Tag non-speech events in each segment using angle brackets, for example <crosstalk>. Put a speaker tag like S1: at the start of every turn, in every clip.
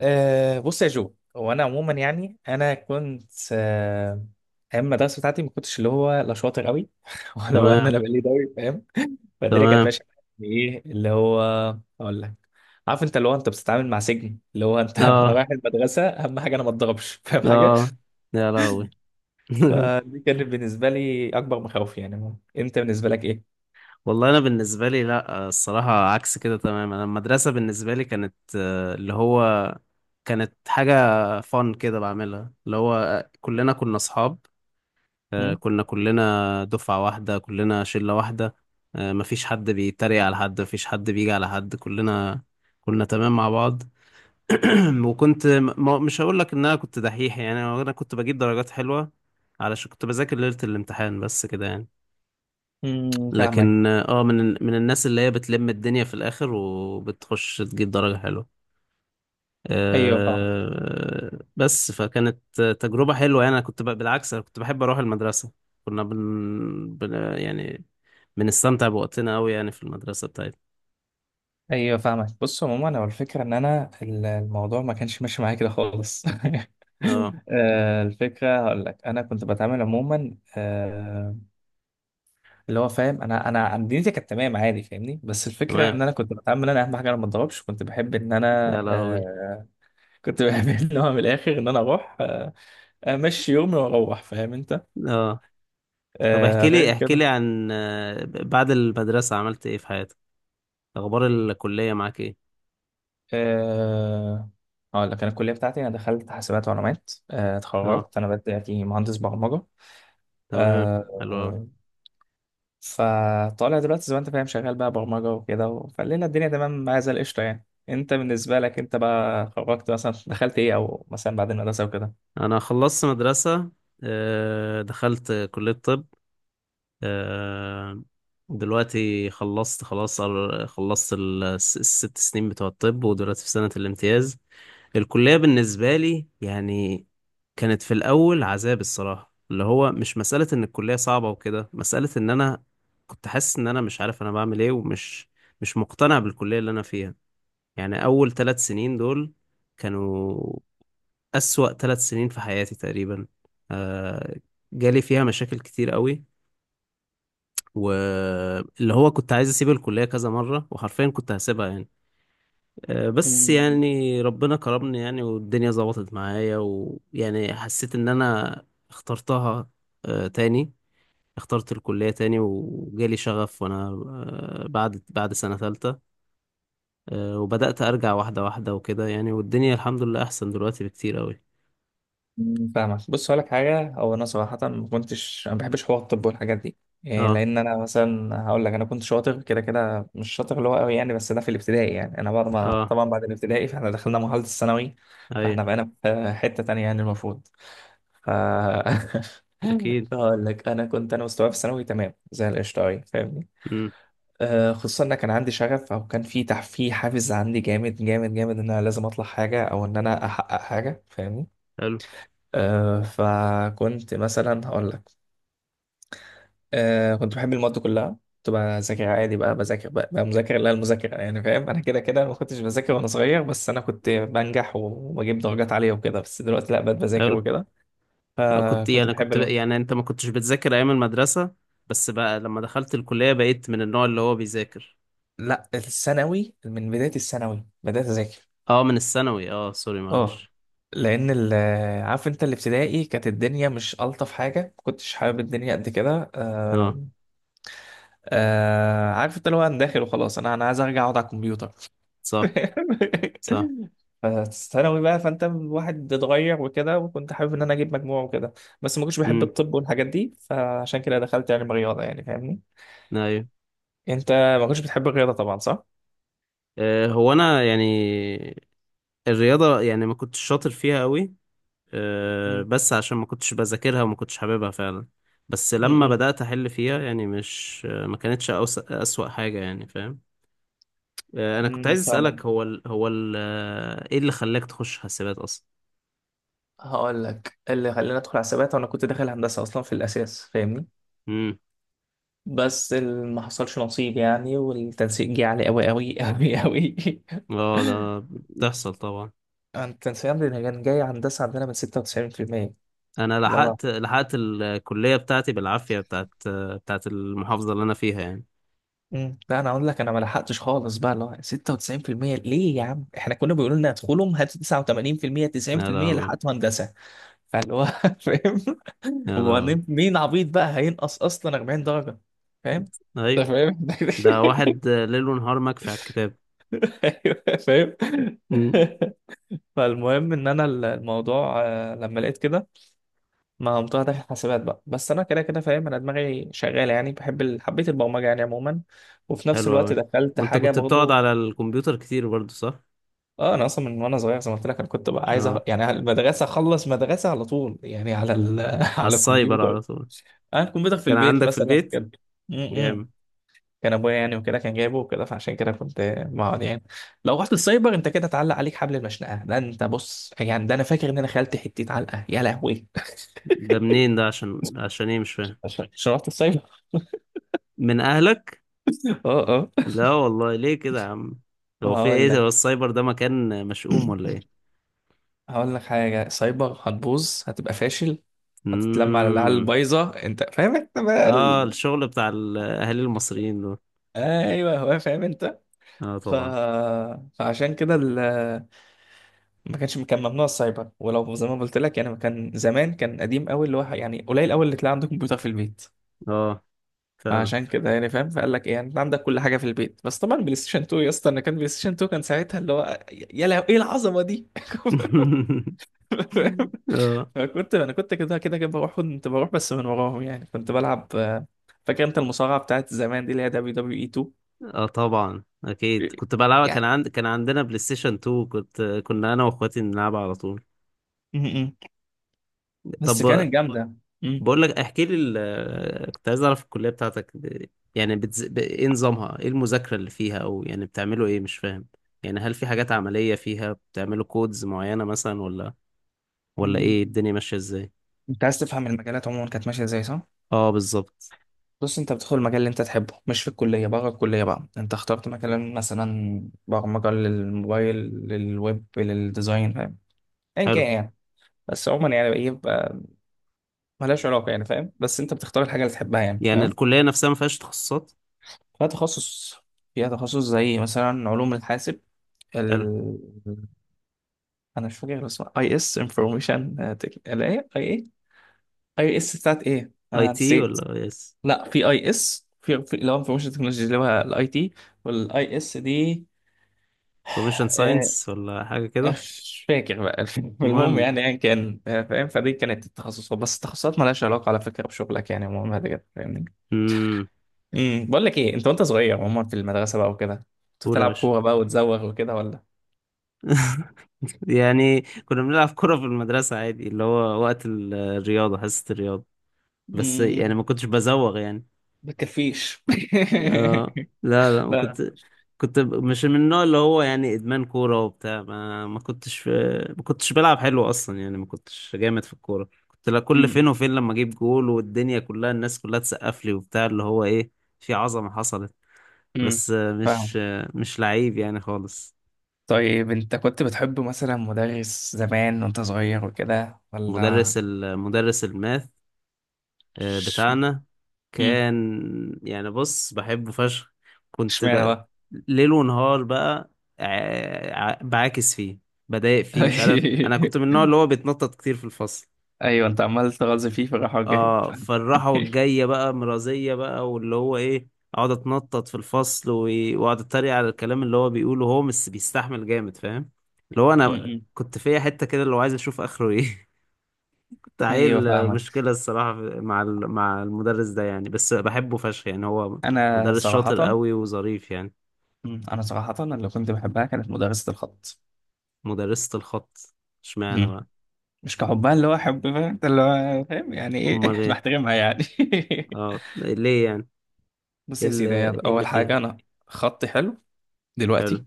S1: بص يا جو، هو انا عموما يعني انا كنت أه ايام المدرسه بتاعتي ما كنتش اللي هو لا شاطر قوي <laughs> ولا هو ان انا
S2: تمام،
S1: بقالي قوي فاهم. فالدنيا كانت
S2: تمام.
S1: ماشيه معايا. ايه اللي هو؟ اقول لك، عارف انت اللي هو انت بتتعامل مع سجن اللي هو انت <laughs> انا
S2: اه،
S1: رايح المدرسه اهم حاجه انا ما اتضربش، فاهم حاجه؟
S2: اه. يا لهوي. <laughs>
S1: فدي كانت بالنسبه لي اكبر مخاوفي، يعني انت بالنسبه لك ايه؟
S2: والله انا بالنسبه لي، لا، الصراحه عكس كده تماما. انا المدرسه بالنسبه لي كانت، اللي هو كانت حاجه فن كده بعملها اللي هو، كلنا كنا اصحاب. كنا كلنا دفعه واحده، كلنا شله واحده. مفيش حد بيتريق على حد، مفيش حد بيجي على حد، كلنا كنا تمام مع بعض. وكنت، ما مش هقول لك ان انا كنت دحيح، يعني انا كنت بجيب درجات حلوه علشان كنت بذاكر ليله الامتحان بس كده يعني.
S1: فاهمك.
S2: لكن من الناس اللي هي بتلم الدنيا في الاخر وبتخش تجيب درجه حلوه.
S1: ايوه،
S2: بس فكانت تجربه حلوه يعني، انا كنت بالعكس، انا كنت بحب اروح المدرسه. كنا يعني بنستمتع بوقتنا قوي يعني في المدرسه بتاعتنا.
S1: ايوه فاهمك. بص عموما انا الفكره ان انا الموضوع ما كانش ماشي معايا كده خالص.
S2: اه،
S1: <laughs> الفكره هقول لك انا كنت بتعامل عموما، اللي هو فاهم، انا دنيتي كانت تمام عادي، فاهمني؟ بس الفكره
S2: تمام،
S1: ان انا كنت بتعامل، انا اهم حاجه انا ما اتضربش،
S2: يا لهوي،
S1: آه، كنت بحب <laughs> ان هو من الاخر ان انا اروح، امشي يومي واروح، فاهم انت؟
S2: اه. طب احكي لي،
S1: غير
S2: احكي لي
S1: كده.
S2: عن، بعد المدرسة عملت ايه في حياتك؟ اخبار الكلية معاك ايه؟
S1: آه، هقول لك انا الكليه بتاعتي، انا دخلت حاسبات ومعلومات،
S2: اه،
S1: اتخرجت، انا بدأت مهندس برمجه.
S2: تمام، حلو أوي.
S1: آه فطالع دلوقتي زي ما انت فاهم شغال بقى برمجة وكده، فالليلة الدنيا تمام معايا زي القشطة. يعني انت بالنسبة لك انت بقى خرجت مثلا دخلت ايه، او مثلا بعد المدرسة وكده؟
S2: انا خلصت مدرسة، دخلت كلية طب. آه، دلوقتي خلصت خلاص، خلصت الست سنين بتوع الطب، ودلوقتي في سنة الامتياز. الكلية بالنسبة لي يعني كانت في الأول عذاب. الصراحة اللي هو مش مسألة إن الكلية صعبة وكده، مسألة إن أنا كنت حاسس إن أنا مش عارف أنا بعمل إيه، ومش مش مقتنع بالكلية اللي أنا فيها. يعني أول ثلاث سنين دول كانوا أسوأ ثلاث سنين في حياتي تقريبا. آه، جالي فيها مشاكل كتير قوي، واللي هو كنت عايز أسيب الكلية كذا مرة، وحرفيا كنت هسيبها يعني. بس
S1: مم.
S2: يعني ربنا كرمني يعني، والدنيا ظبطت معايا، ويعني حسيت ان انا اخترتها تاني. اخترت الكلية تاني وجالي شغف، وانا بعد سنة ثالثة، وبدأت ارجع واحدة واحدة وكده، يعني والدنيا الحمد لله احسن دلوقتي بكتير قوي.
S1: فاهمك. بص هقولك حاجة، هو أنا صراحة ما كنتش، أنا ما بحبش حوار الطب والحاجات دي، إيه،
S2: اه،
S1: لأن أنا مثلا هقول لك، أنا كنت شاطر كده كده، مش شاطر اللي هو قوي يعني، بس ده في الابتدائي يعني. أنا بعد ما
S2: اه،
S1: طبعا بعد الابتدائي فإحنا دخلنا مرحلة الثانوي،
S2: ايوه،
S1: فإحنا بقينا في حتة تانية يعني المفروض. ف <laughs>
S2: اكيد.
S1: فهقول لك، انا كنت، انا مستواي في الثانوي تمام زي القشطه أوي، فاهمني؟
S2: امم.
S1: آه خصوصا ان كان عندي شغف، او كان في في حافز عندي جامد جامد جامد ان انا لازم اطلع حاجه، او ان انا احقق حاجه، فاهمني؟
S2: حلو،
S1: آه فكنت مثلا هقول لك، آه كنت بحب المواد كلها، كنت بذاكر عادي بقى، بذاكر بقى، بقى مذاكر، لا المذاكره يعني فاهم، انا كده كده ما كنتش بذاكر وانا صغير، بس انا كنت بنجح وبجيب درجات عاليه وكده، بس دلوقتي لا بقيت بذاكر
S2: حلو.
S1: وكده، فكنت بحب
S2: كنت
S1: المواد.
S2: يعني انت ما كنتش بتذاكر ايام المدرسة، بس بقى لما دخلت الكلية بقيت من النوع اللي هو بيذاكر.
S1: لا، الثانوي، من بداية الثانوي بدأت أذاكر.
S2: اه، من الثانوي. اه، سوري،
S1: اه.
S2: معلش.
S1: لأن عارف أنت، الابتدائي كانت الدنيا مش ألطف حاجة، ما كنتش حابب الدنيا قد كده.
S2: اه.
S1: عارف أنت اللي هو، أنا داخل وخلاص، أنا، أنا عايز أرجع أقعد على الكمبيوتر.
S2: صح، صح.
S1: <laughs> فالثانوي بقى، فأنت الواحد اتغير وكده، وكنت حابب إن أنا أجيب مجموع وكده، بس ما كنتش بحب
S2: امم،
S1: الطب والحاجات دي، فعشان كده دخلت علم رياضة يعني، فاهمني.
S2: ايوه.
S1: أنت ما كنتش بتحب الرياضة طبعا، صح؟
S2: هو انا يعني الرياضه يعني ما كنتش شاطر فيها قوي.
S1: امم،
S2: بس عشان ما كنتش بذاكرها وما كنتش حاببها فعلا. بس لما بدات احل فيها يعني، مش ما كانتش اسوأ حاجه يعني، فاهم؟ انا كنت
S1: امم،
S2: عايز
S1: فاهمك.
S2: اسالك، هو ال ايه اللي خلاك تخش حاسبات اصلا؟
S1: هقول لك اللي خلاني ادخل حسابات، وانا كنت داخل هندسه اصلا في الاساس فاهمني.
S2: امم.
S1: بس ما حصلش نصيب يعني، والتنسيق جه عالي قوي قوي قوي قوي. <laughs>
S2: اه، ده بتحصل طبعا.
S1: التنسيق عندنا كان جاي هندسه عندنا من 96%.
S2: انا
S1: اللي هو
S2: لحقت الكليه بتاعتي بالعافيه، بتاعت المحافظه اللي انا فيها يعني.
S1: مم. لا انا اقول لك انا ما لحقتش خالص بقى، اللي هو 96% ليه يا عم، احنا كنا بيقولوا لنا ادخلهم، هاتوا 89%،
S2: يا
S1: 90%
S2: لهوي،
S1: لحقتوا هندسه. فاللي هو <laughs> فاهم؟
S2: يا لهوي.
S1: وبعدين مين عبيط بقى هينقص اصلا 40 درجه، فاهم؟
S2: ايوه،
S1: انت فاهم؟
S2: ده
S1: <laughs>
S2: واحد ليل ونهار مكفي على الكتاب.
S1: ايوه فاهم.
S2: امم.
S1: <laughs> فالمهم ان انا الموضوع، لما لقيت كده، ما قمت داخل حاسبات بقى، بس انا كده كده فاهم انا دماغي شغاله يعني، بحب حبيت البرمجه يعني عموما، وفي نفس
S2: حلو
S1: الوقت
S2: قوي.
S1: دخلت
S2: وانت
S1: حاجه
S2: كنت بتقعد
S1: برضو.
S2: على الكمبيوتر كتير برضو، صح؟
S1: اه انا اصلا من وانا صغير زي ما قلت لك، انا كنت بقى عايز
S2: اه،
S1: يعني على المدرسه اخلص مدرسه على طول، يعني على <laughs>
S2: على
S1: على
S2: السايبر
S1: الكمبيوتر.
S2: على طول.
S1: انا الكمبيوتر في
S2: كان
S1: البيت
S2: عندك في
S1: مثلا
S2: البيت،
S1: كده. م- م.
S2: جامد.
S1: كان ابويا يعني وكده كان جايبه وكده، فعشان كده كنت بقعد يعني. لو رحت السايبر انت كده اتعلق عليك حبل المشنقه، ده انت بص يعني، ده انا فاكر ان انا خالتي حته علقه، يا لهوي.
S2: ده منين ده؟ عشان ايه؟ مش
S1: <laughs>
S2: فاهم.
S1: عشان، عشان رحت السايبر.
S2: من اهلك؟
S1: اه، اه.
S2: لا والله، ليه كده يا عم؟ هو في
S1: وهقول
S2: ايه، هو
S1: لك،
S2: السايبر ده مكان مشؤوم ولا ايه؟
S1: هقول لك حاجه، سايبر هتبوظ، هتبقى فاشل، هتتلم على العيال
S2: امم.
S1: البايظه، انت فاهم انت بقى
S2: اه، الشغل بتاع الاهالي المصريين دول.
S1: ايوه. هو فاهم انت.
S2: اه،
S1: ف...
S2: طبعا.
S1: فعشان كده. ما كانش، كان ممنوع السايبر، ولو زي ما قلت لك يعني، ما كان زمان كان قديم قوي، اللي هو يعني قليل قوي اللي تلاقي عندك كمبيوتر في البيت.
S2: اه، فعلا.
S1: فعشان كده يعني فاهم. فقال لك ايه يعني، انت عندك كل حاجه في البيت، بس طبعا بلاي ستيشن 2 يا اسطى، انا كان بلاي ستيشن 2 كان ساعتها، اللي هو يا لهوي ايه العظمه دي. <laughs>
S2: <laughs>
S1: فاهم؟
S2: اه،
S1: فكنت، انا كنت كده كده كده بروح، كنت بروح بس من وراهم يعني، كنت بلعب، فاكر انت المصارعه بتاعت زمان دي، اللي هي دبليو دبليو اي 2
S2: اه، طبعا، اكيد كنت بلعبها.
S1: يعني.
S2: كان عندنا بلاي ستيشن 2. كنا انا واخواتي نلعبها على طول.
S1: م- م. بس
S2: طب،
S1: كانت جامده. م.
S2: بقول لك، احكي لي كنت عايز اعرف الكلية بتاعتك يعني ايه نظامها، ايه المذاكرة اللي فيها، او يعني بتعملوا ايه، مش فاهم. يعني هل في حاجات عملية فيها بتعملوا كودز معينة مثلا، ولا ايه الدنيا ماشية ازاي؟
S1: انت عايز تفهم المجالات عموما كانت ماشيه ازاي، صح؟
S2: اه، بالظبط.
S1: بص انت بتدخل المجال اللي انت تحبه، مش في الكلية، بره الكلية بقى انت اخترت مكان، مثلا برمجة للموبايل، للويب، للديزاين، فاهم؟ ايا
S2: حلو.
S1: كان يعني. بس عموما يعني ايه بقى، ملهاش علاقة يعني فاهم، بس انت بتختار الحاجة اللي تحبها يعني،
S2: يعني
S1: فاهم؟
S2: الكلية نفسها ما فيهاش تخصصات؟
S1: فيها تخصص، فيها تخصص زي مثلا علوم الحاسب،
S2: حلو.
S1: ال... انا مش فاكر اسمها، اي اس انفورميشن، اللي هي اي ايه، اي اس بتاعت ايه
S2: اي
S1: انا
S2: تي
S1: نسيت.
S2: ولا يس
S1: لا، في اي اس، اللي هو انفورميشن تكنولوجي اللي هو الاي تي، والاي اس دي.
S2: انفورميشن
S1: آه
S2: ساينس ولا حاجة كده؟
S1: مش فاكر بقى. <laughs> المهم
S2: المهم.
S1: يعني، يعني كان فاهم، فدي كانت التخصصات، بس التخصصات مالهاش علاقه على فكره بشغلك يعني، المهم هذا كده فاهمني.
S2: امم.
S1: بقول لك ايه، انت وانت صغير عموما في المدرسه بقى وكده، كنت
S2: قول يا
S1: بتلعب
S2: باشا.
S1: كوره بقى وتزوغ وكده ولا؟
S2: <laughs> يعني كنا بنلعب كرة في المدرسة عادي، اللي هو وقت الرياضة، حصة الرياضة. بس يعني ما
S1: امم
S2: كنتش بزوغ يعني.
S1: بتكفيش؟
S2: اه. لا، لا،
S1: <laughs>
S2: ما
S1: لا.
S2: كنت. كنت مش من النوع اللي هو يعني إدمان كورة وبتاع، ما كنتش، ما كنتش بلعب حلو أصلا يعني. ما كنتش جامد في الكورة. كنت، لا، كل فين
S1: امم
S2: وفين لما أجيب جول والدنيا كلها، الناس كلها تسقف لي وبتاع، اللي هو إيه، في عظمة حصلت.
S1: امم،
S2: بس
S1: فاهم.
S2: مش لعيب يعني خالص.
S1: طيب انت كنت بتحب مثلا مدرس زمان وانت صغير وكده ولا؟
S2: المدرس الماث،
S1: ش-
S2: بتاعنا
S1: امم
S2: كان يعني، بص، بحبه فشخ. كنت
S1: اشمعنى
S2: بقى
S1: بقى؟
S2: ليل ونهار بقى، بعاكس فيه، بضايق فيه، مش عارف، انا كنت من
S1: <laughs>
S2: النوع اللي هو بيتنطط كتير في الفصل.
S1: ايوه انت عمال تغاظ فيه في الراحه الجايه.
S2: اه، فالراحة
S1: <laughs>
S2: والجاية بقى مرازية بقى، واللي هو ايه، اقعد اتنطط في الفصل، واقعد اتريق على الكلام اللي هو بيقوله، هو مش بيستحمل جامد فاهم، اللي هو انا
S1: م-م.
S2: كنت فيا حتة كده اللي هو عايز اشوف اخره ايه،
S1: ايوه
S2: تعيل.
S1: فاهمك.
S2: مشكلة الصراحة مع مع المدرس ده يعني، بس بحبه فشخ يعني، هو
S1: انا
S2: مدرس شاطر
S1: صراحه،
S2: قوي وظريف يعني.
S1: م، انا صراحه اللي كنت بحبها كانت مدرسه الخط.
S2: مدرسة الخط؟ اشمعنى
S1: م.
S2: بقى؟
S1: مش كحبها اللي هو حب، فاهم أنت اللي هو، فاهم يعني
S2: امال
S1: ايه، <laughs>
S2: ايه؟
S1: بحترمها يعني. <laughs>
S2: اه، ليه يعني؟
S1: بص
S2: ايه
S1: يا سيدي،
S2: اللي
S1: هي
S2: إيه اللي
S1: اول
S2: فيها؟
S1: حاجه انا خطي حلو
S2: حلو.
S1: دلوقتي.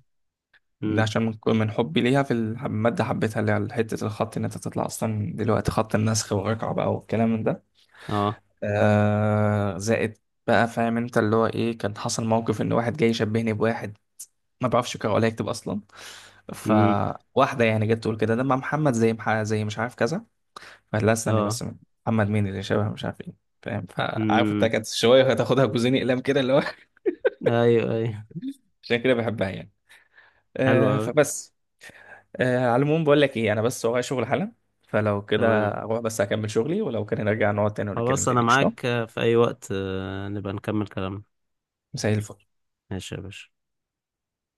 S2: امم.
S1: ده عشان من، من حبي ليها في الماده، حبيتها اللي على حته الخط، ان انت تطلع اصلا دلوقتي خط النسخ والرقعه بقى والكلام من ده.
S2: اه.
S1: آه زائد بقى، فاهم انت اللي هو ايه، كان حصل موقف ان واحد جاي يشبهني بواحد ما بعرفش اقرا ولا اكتب اصلا.
S2: امم.
S1: فواحده يعني جت تقول كده، ده مع محمد زي زي مش عارف كذا. قالت لا استني
S2: اه.
S1: بس، محمد مين اللي شبه مش عارف ايه. فاهم؟ فعارف انت
S2: امم،
S1: كانت شويه هتاخدها بجوزين اقلام كده اللي هو.
S2: ايوه، ايوه.
S1: <laughs> عشان كده بحبها يعني.
S2: حلو
S1: آه
S2: قوي.
S1: فبس. آه على العموم، بقول لك ايه، انا بس ورايا شغل حالا، فلو كده
S2: تمام،
S1: اروح بس اكمل شغلي، ولو كان نرجع نقعد تاني ونتكلم
S2: خلاص، انا
S1: تاني قشطه.
S2: معاك في اي وقت، نبقى نكمل كلامنا.
S1: مساء الفل.
S2: ماشي يا باشا.